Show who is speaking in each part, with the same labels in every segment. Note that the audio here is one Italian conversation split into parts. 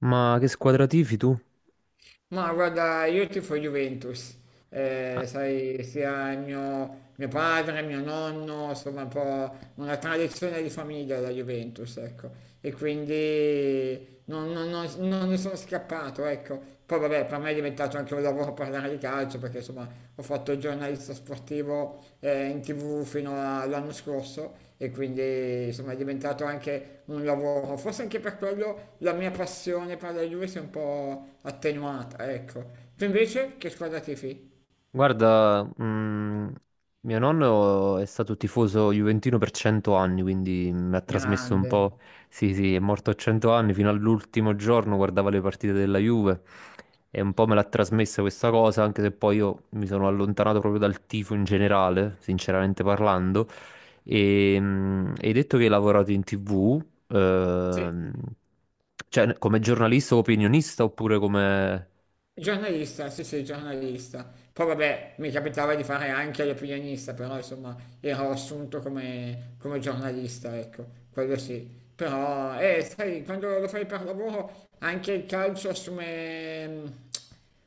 Speaker 1: Ma che squadra tifi tu?
Speaker 2: Ma guarda, io tifo Juventus,
Speaker 1: Ah,
Speaker 2: sai, sia il mio padre, mio nonno, insomma, un po' una tradizione di famiglia la Juventus, ecco, e quindi non ne sono scappato, ecco. Poi vabbè, per me è diventato anche un lavoro a parlare di calcio perché insomma ho fatto il giornalista sportivo in TV fino all'anno scorso e quindi insomma è diventato anche un lavoro, forse anche per quello la mia passione per la Juve si è un po' attenuata, ecco. Tu invece che squadra tifi?
Speaker 1: guarda, mm, Mio nonno è stato tifoso juventino per 100 anni, quindi mi ha trasmesso un
Speaker 2: Grande.
Speaker 1: po'. Sì, sì, è morto a 100 anni, fino all'ultimo giorno guardava le partite della Juve e un po' me l'ha trasmessa questa cosa, anche se poi io mi sono allontanato proprio dal tifo in generale, sinceramente parlando. Hai detto che hai lavorato in TV,
Speaker 2: Sì.
Speaker 1: ehm, cioè come giornalista o opinionista oppure come...
Speaker 2: Giornalista, sì sì, giornalista. Poi vabbè, mi capitava di fare anche l'opinionista, però insomma ero assunto come, come giornalista, ecco, quello sì. Però, sai, quando lo fai per lavoro anche il calcio assume,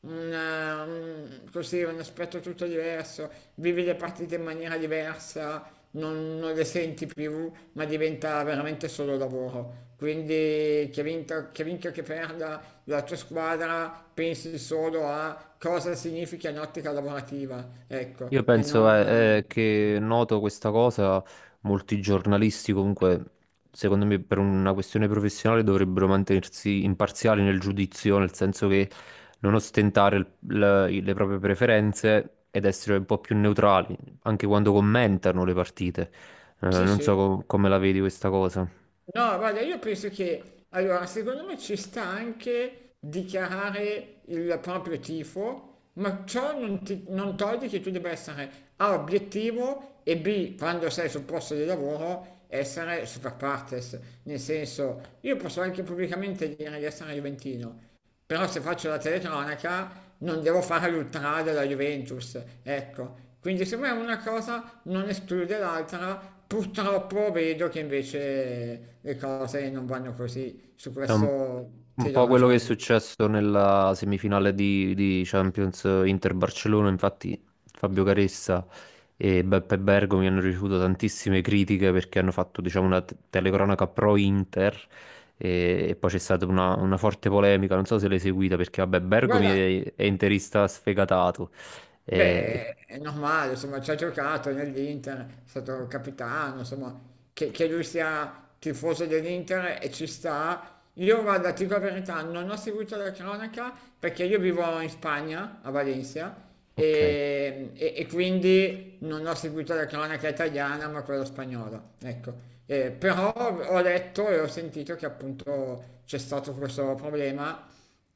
Speaker 2: un aspetto tutto diverso, vivi le partite in maniera diversa, non le senti più, ma diventa veramente solo lavoro. Quindi che vinca o che perda la tua squadra, pensi solo a cosa significa in ottica lavorativa, ecco,
Speaker 1: Io
Speaker 2: e
Speaker 1: penso
Speaker 2: non. eh,
Speaker 1: che noto questa cosa, molti giornalisti comunque, secondo me per una questione professionale dovrebbero mantenersi imparziali nel giudizio, nel senso che non ostentare le proprie preferenze ed essere un po' più neutrali, anche quando commentano le partite.
Speaker 2: Sì,
Speaker 1: Non so
Speaker 2: sì.
Speaker 1: come la vedi questa cosa.
Speaker 2: No, guarda, io penso che, allora, secondo me ci sta anche dichiarare il proprio tifo, ma ciò non toglie che tu debba essere A, obiettivo e B, quando sei sul posto di lavoro, essere super partes. Nel senso, io posso anche pubblicamente dire di essere juventino, però se faccio la telecronaca non devo fare l'ultra della Juventus, ecco. Quindi secondo me una cosa non esclude l'altra, purtroppo vedo che invece le cose non vanno così, su
Speaker 1: È
Speaker 2: questo
Speaker 1: un
Speaker 2: ti do
Speaker 1: po' quello che è
Speaker 2: ragione.
Speaker 1: successo nella semifinale di Champions Inter-Barcellona. Infatti Fabio Caressa e Beppe Bergomi hanno ricevuto tantissime critiche perché hanno fatto diciamo, una telecronaca pro-Inter e poi c'è stata una forte polemica, non so se l'hai seguita perché vabbè Bergomi
Speaker 2: Guarda.
Speaker 1: è interista sfegatato. E-
Speaker 2: Beh, è normale, insomma, ci ha giocato nell'Inter, è stato capitano, insomma, che lui sia tifoso dell'Inter e ci sta. Io, guarda, ti dico la verità, non ho seguito la cronaca perché io vivo in Spagna, a Valencia,
Speaker 1: Ok.
Speaker 2: e, e quindi non ho seguito la cronaca italiana, ma quella spagnola, ecco. Però ho letto e ho sentito che appunto c'è stato questo problema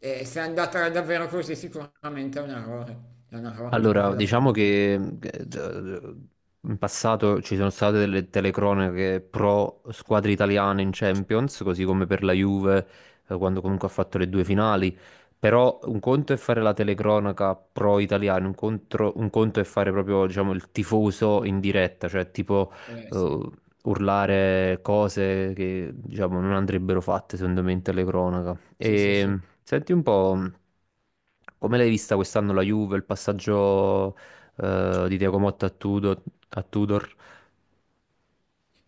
Speaker 2: e se è andata davvero così sicuramente è un errore, c'è poco
Speaker 1: Allora,
Speaker 2: da
Speaker 1: diciamo
Speaker 2: fare.
Speaker 1: che d- in passato ci sono state delle telecronache pro squadre italiane in Champions, così come per la Juve, quando comunque ha fatto le due finali. Però un conto è fare la telecronaca pro italiana, un conto è fare proprio, diciamo, il tifoso in diretta, cioè tipo eh,
Speaker 2: Sì,
Speaker 1: urlare cose che, diciamo, non andrebbero fatte, secondo me, in telecronaca.
Speaker 2: sì, sì, sì.
Speaker 1: E senti un po', come l'hai vista quest'anno la Juve, il passaggio di Thiago Motta a Tudor, a Tudor?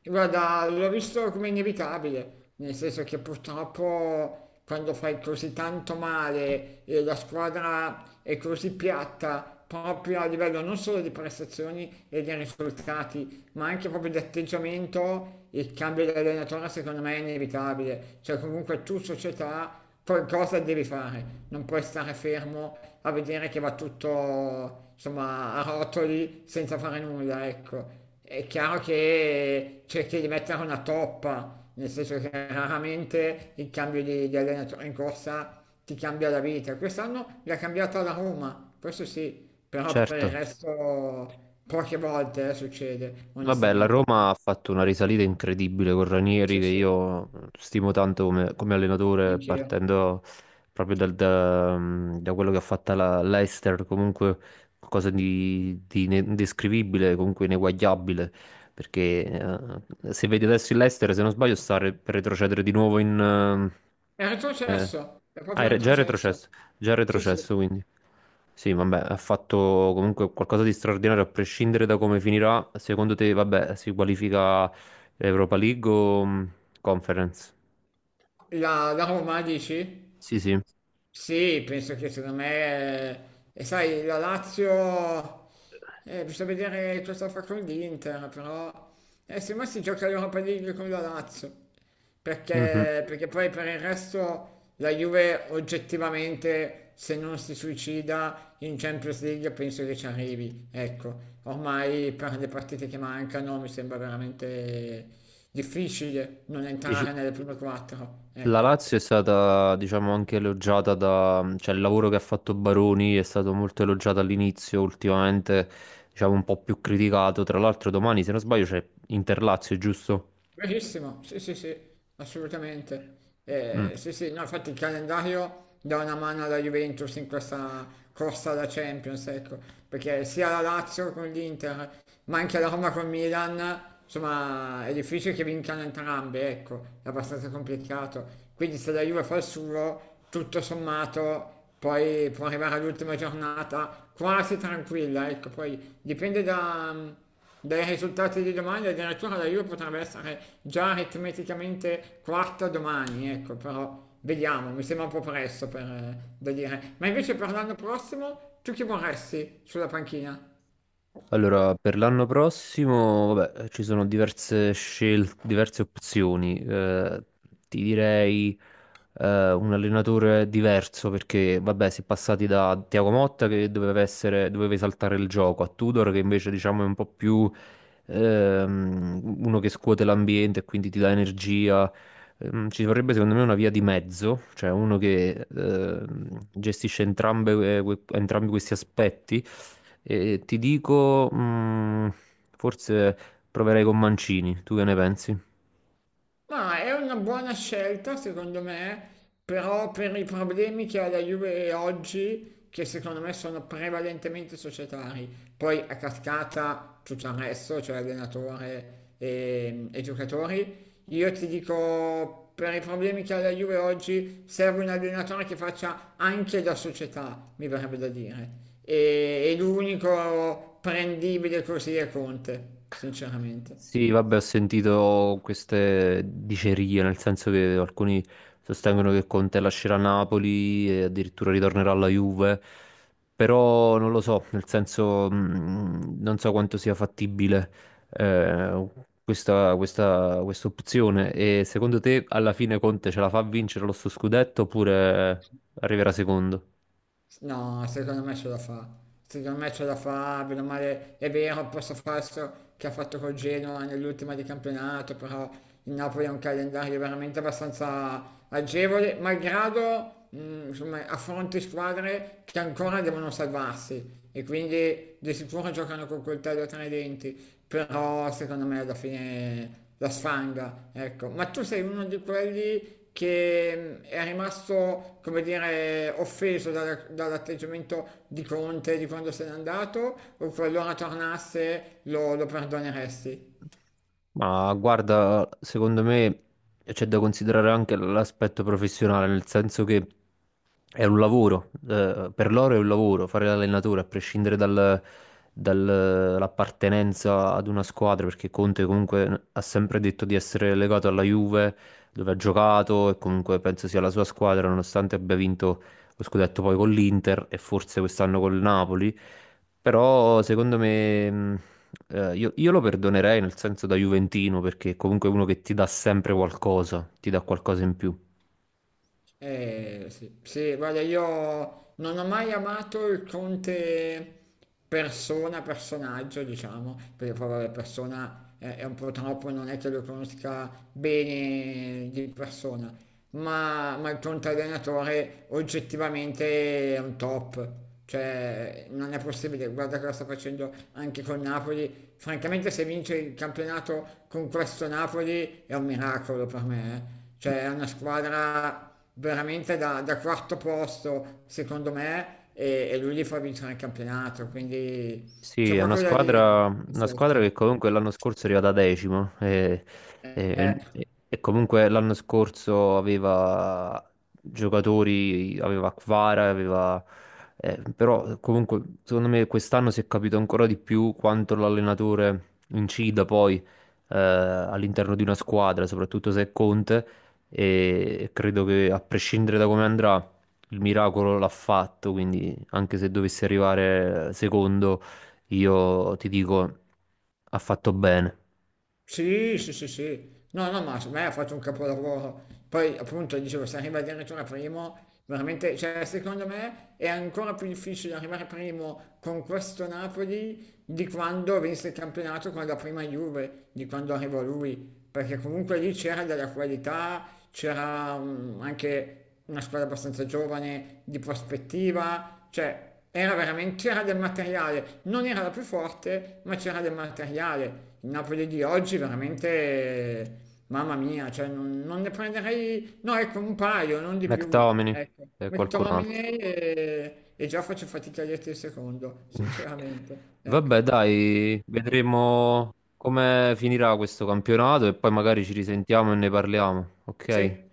Speaker 2: Guarda, l'ho visto come inevitabile, nel senso che purtroppo quando fai così tanto male e la squadra è così piatta, proprio a livello non solo di prestazioni e di risultati, ma anche proprio di atteggiamento, il cambio di allenatore secondo me è inevitabile. Cioè comunque tu società qualcosa devi fare, non puoi stare fermo a vedere che va tutto insomma a rotoli senza fare nulla, ecco. È chiaro che cerchi di mettere una toppa, nel senso che raramente il cambio di allenatore in corsa ti cambia la vita. Quest'anno l'ha cambiata la Roma, questo sì, però per
Speaker 1: Certo.
Speaker 2: il resto poche volte succede,
Speaker 1: Vabbè, la
Speaker 2: onestamente.
Speaker 1: Roma ha fatto una risalita incredibile con Ranieri,
Speaker 2: Sì,
Speaker 1: che
Speaker 2: sì,
Speaker 1: io stimo tanto come, come allenatore,
Speaker 2: anch'io.
Speaker 1: partendo proprio da quello che ha fatto la l'Leicester, comunque qualcosa di indescrivibile, comunque ineguagliabile, perché se vedi adesso il Leicester, se non sbaglio, sta per retrocedere di nuovo in, eh,
Speaker 2: È
Speaker 1: eh.
Speaker 2: retrocesso, è
Speaker 1: Ah,
Speaker 2: proprio retrocesso.
Speaker 1: già è
Speaker 2: Sì, sì.
Speaker 1: retrocesso quindi. Sì, vabbè, ha fatto comunque qualcosa di straordinario, a prescindere da come finirà. Secondo te, vabbè, si qualifica Europa League o Conference?
Speaker 2: La, la Roma, dici?
Speaker 1: Sì, sì.
Speaker 2: Sì, penso che secondo me, e sai, la Lazio, bisogna vedere cosa fa con l'Inter, però secondo me si gioca l'Europa League con la Lazio,
Speaker 1: Mhm.
Speaker 2: perché poi per il resto la Juve oggettivamente, se non si suicida in Champions League, penso che ci arrivi. Ecco, ormai per le partite che mancano mi sembra veramente difficile non
Speaker 1: Dice-
Speaker 2: entrare nelle prime quattro,
Speaker 1: La
Speaker 2: ecco.
Speaker 1: Lazio è stata, diciamo, anche elogiata da... cioè il lavoro che ha fatto Baroni è stato molto elogiato all'inizio, ultimamente, diciamo, un po' più criticato. Tra l'altro domani, se non sbaglio, c'è Inter-Lazio, giusto?
Speaker 2: Verissimo, sì, sì, sì, assolutamente.
Speaker 1: Mm.
Speaker 2: Sì, sì, no, infatti il calendario dà una mano alla Juventus in questa corsa alla Champions, ecco, perché sia la Lazio con l'Inter, ma anche la Roma con Milan, insomma, è difficile che vincano entrambe, ecco, è abbastanza complicato. Quindi se la Juve fa il suo, tutto sommato, poi può arrivare all'ultima giornata quasi tranquilla, ecco, poi dipende da dai risultati di domani, addirittura la Juve potrebbe essere già aritmeticamente quarta domani, ecco, però vediamo, mi sembra un po' presto per, da dire. Ma invece per l'anno prossimo, tu chi vorresti sulla panchina?
Speaker 1: Allora, per l'anno prossimo, vabbè, ci sono diverse scelte, diverse opzioni. Ti direi un allenatore diverso perché, vabbè, si è passati da Thiago Motta che doveva essere, doveva esaltare il gioco, a Tudor che invece diciamo è un po' più uno che scuote l'ambiente e quindi ti dà energia. Ci vorrebbe secondo me una via di mezzo, cioè uno che gestisce entrambe, entrambi questi aspetti. E ti dico, mm, forse proverei con Mancini, tu che ne pensi?
Speaker 2: Ma è una buona scelta secondo me, però per i problemi che ha la Juve oggi, che secondo me sono prevalentemente societari, poi a cascata tutto il resto, cioè allenatore e giocatori, io ti dico per i problemi che ha la Juve oggi serve un allenatore che faccia anche da società, mi verrebbe da dire. E l'unico prendibile così è Conte, sinceramente.
Speaker 1: Sì, vabbè, ho sentito queste dicerie, nel senso che alcuni sostengono che Conte lascerà Napoli e addirittura ritornerà alla Juve, però non lo so, nel senso non so quanto sia fattibile eh, questa opzione. E secondo te alla fine Conte ce la fa a vincere lo suo scudetto oppure arriverà secondo?
Speaker 2: No, secondo me ce la fa. Secondo me ce la fa, bene o male, è vero, il passo falso che ha fatto col Genoa nell'ultima di campionato, però il Napoli ha un calendario veramente abbastanza agevole, malgrado, insomma, affronti squadre che ancora devono salvarsi e quindi di sicuro giocano con coltello tra i denti, però secondo me alla fine la sfanga, ecco. Ma tu sei uno di quelli che è rimasto, come dire, offeso dall'atteggiamento di Conte di quando se n'è andato, o qualora tornasse lo perdoneresti?
Speaker 1: Ma guarda, secondo me c'è da considerare anche l'aspetto professionale, nel senso che è un lavoro, per loro è un lavoro, fare l'allenatore, a prescindere dall'appartenenza ad una squadra, perché Conte comunque ha sempre detto di essere legato alla Juve, dove ha giocato e comunque penso sia la sua squadra, nonostante abbia vinto lo scudetto poi con l'Inter e forse quest'anno col Napoli, però secondo me... io lo perdonerei nel senso da Juventino perché comunque è uno che ti dà sempre qualcosa, ti dà qualcosa in più.
Speaker 2: Sì, sì, guarda, io non ho mai amato il Conte persona, personaggio, diciamo, perché poi vabbè, persona è un po' troppo, non è che lo conosca bene di persona, ma il Conte allenatore oggettivamente è un top, cioè non è possibile, guarda cosa sta facendo anche con Napoli, francamente se vince il campionato con questo Napoli è un miracolo per me, eh. Cioè è una squadra veramente da quarto posto, secondo me, e lui gli fa vincere il campionato, quindi
Speaker 1: Sì,
Speaker 2: c'è proprio da dire, è
Speaker 1: una squadra
Speaker 2: forte.
Speaker 1: che comunque l'anno scorso è arrivata decimo e,
Speaker 2: Eh.
Speaker 1: e- e- e comunque l'anno scorso aveva giocatori, aveva Kvara, aveva, però comunque secondo me quest'anno si è capito ancora di più quanto l'allenatore incida poi all'interno di una squadra, soprattutto se è Conte e credo che a prescindere da come andrà il miracolo l'ha fatto, quindi anche se dovesse arrivare secondo io ti dico, ha fatto bene.
Speaker 2: Sì, sì, sì, sì. No, no, ma secondo me ha fatto un capolavoro. Poi, appunto, dicevo, se arriva addirittura primo, veramente, cioè, secondo me è ancora più difficile arrivare primo con questo Napoli di quando vinse il campionato con la prima Juve, di quando arrivò lui, perché comunque lì c'era della qualità, c'era anche una squadra abbastanza giovane, di prospettiva, cioè, era veramente, c'era del materiale, non era la più forte, ma c'era del materiale. Il Napoli di oggi veramente, mamma mia, cioè non ne prenderei, no ecco un paio, non di più.
Speaker 1: McTominay
Speaker 2: Ecco,
Speaker 1: e qualcun altro.
Speaker 2: McTominay e già faccio fatica a dirti il secondo, sinceramente. Ecco,
Speaker 1: Vabbè, dai, vedremo come finirà questo campionato e poi magari ci risentiamo e ne parliamo, ok?
Speaker 2: sì.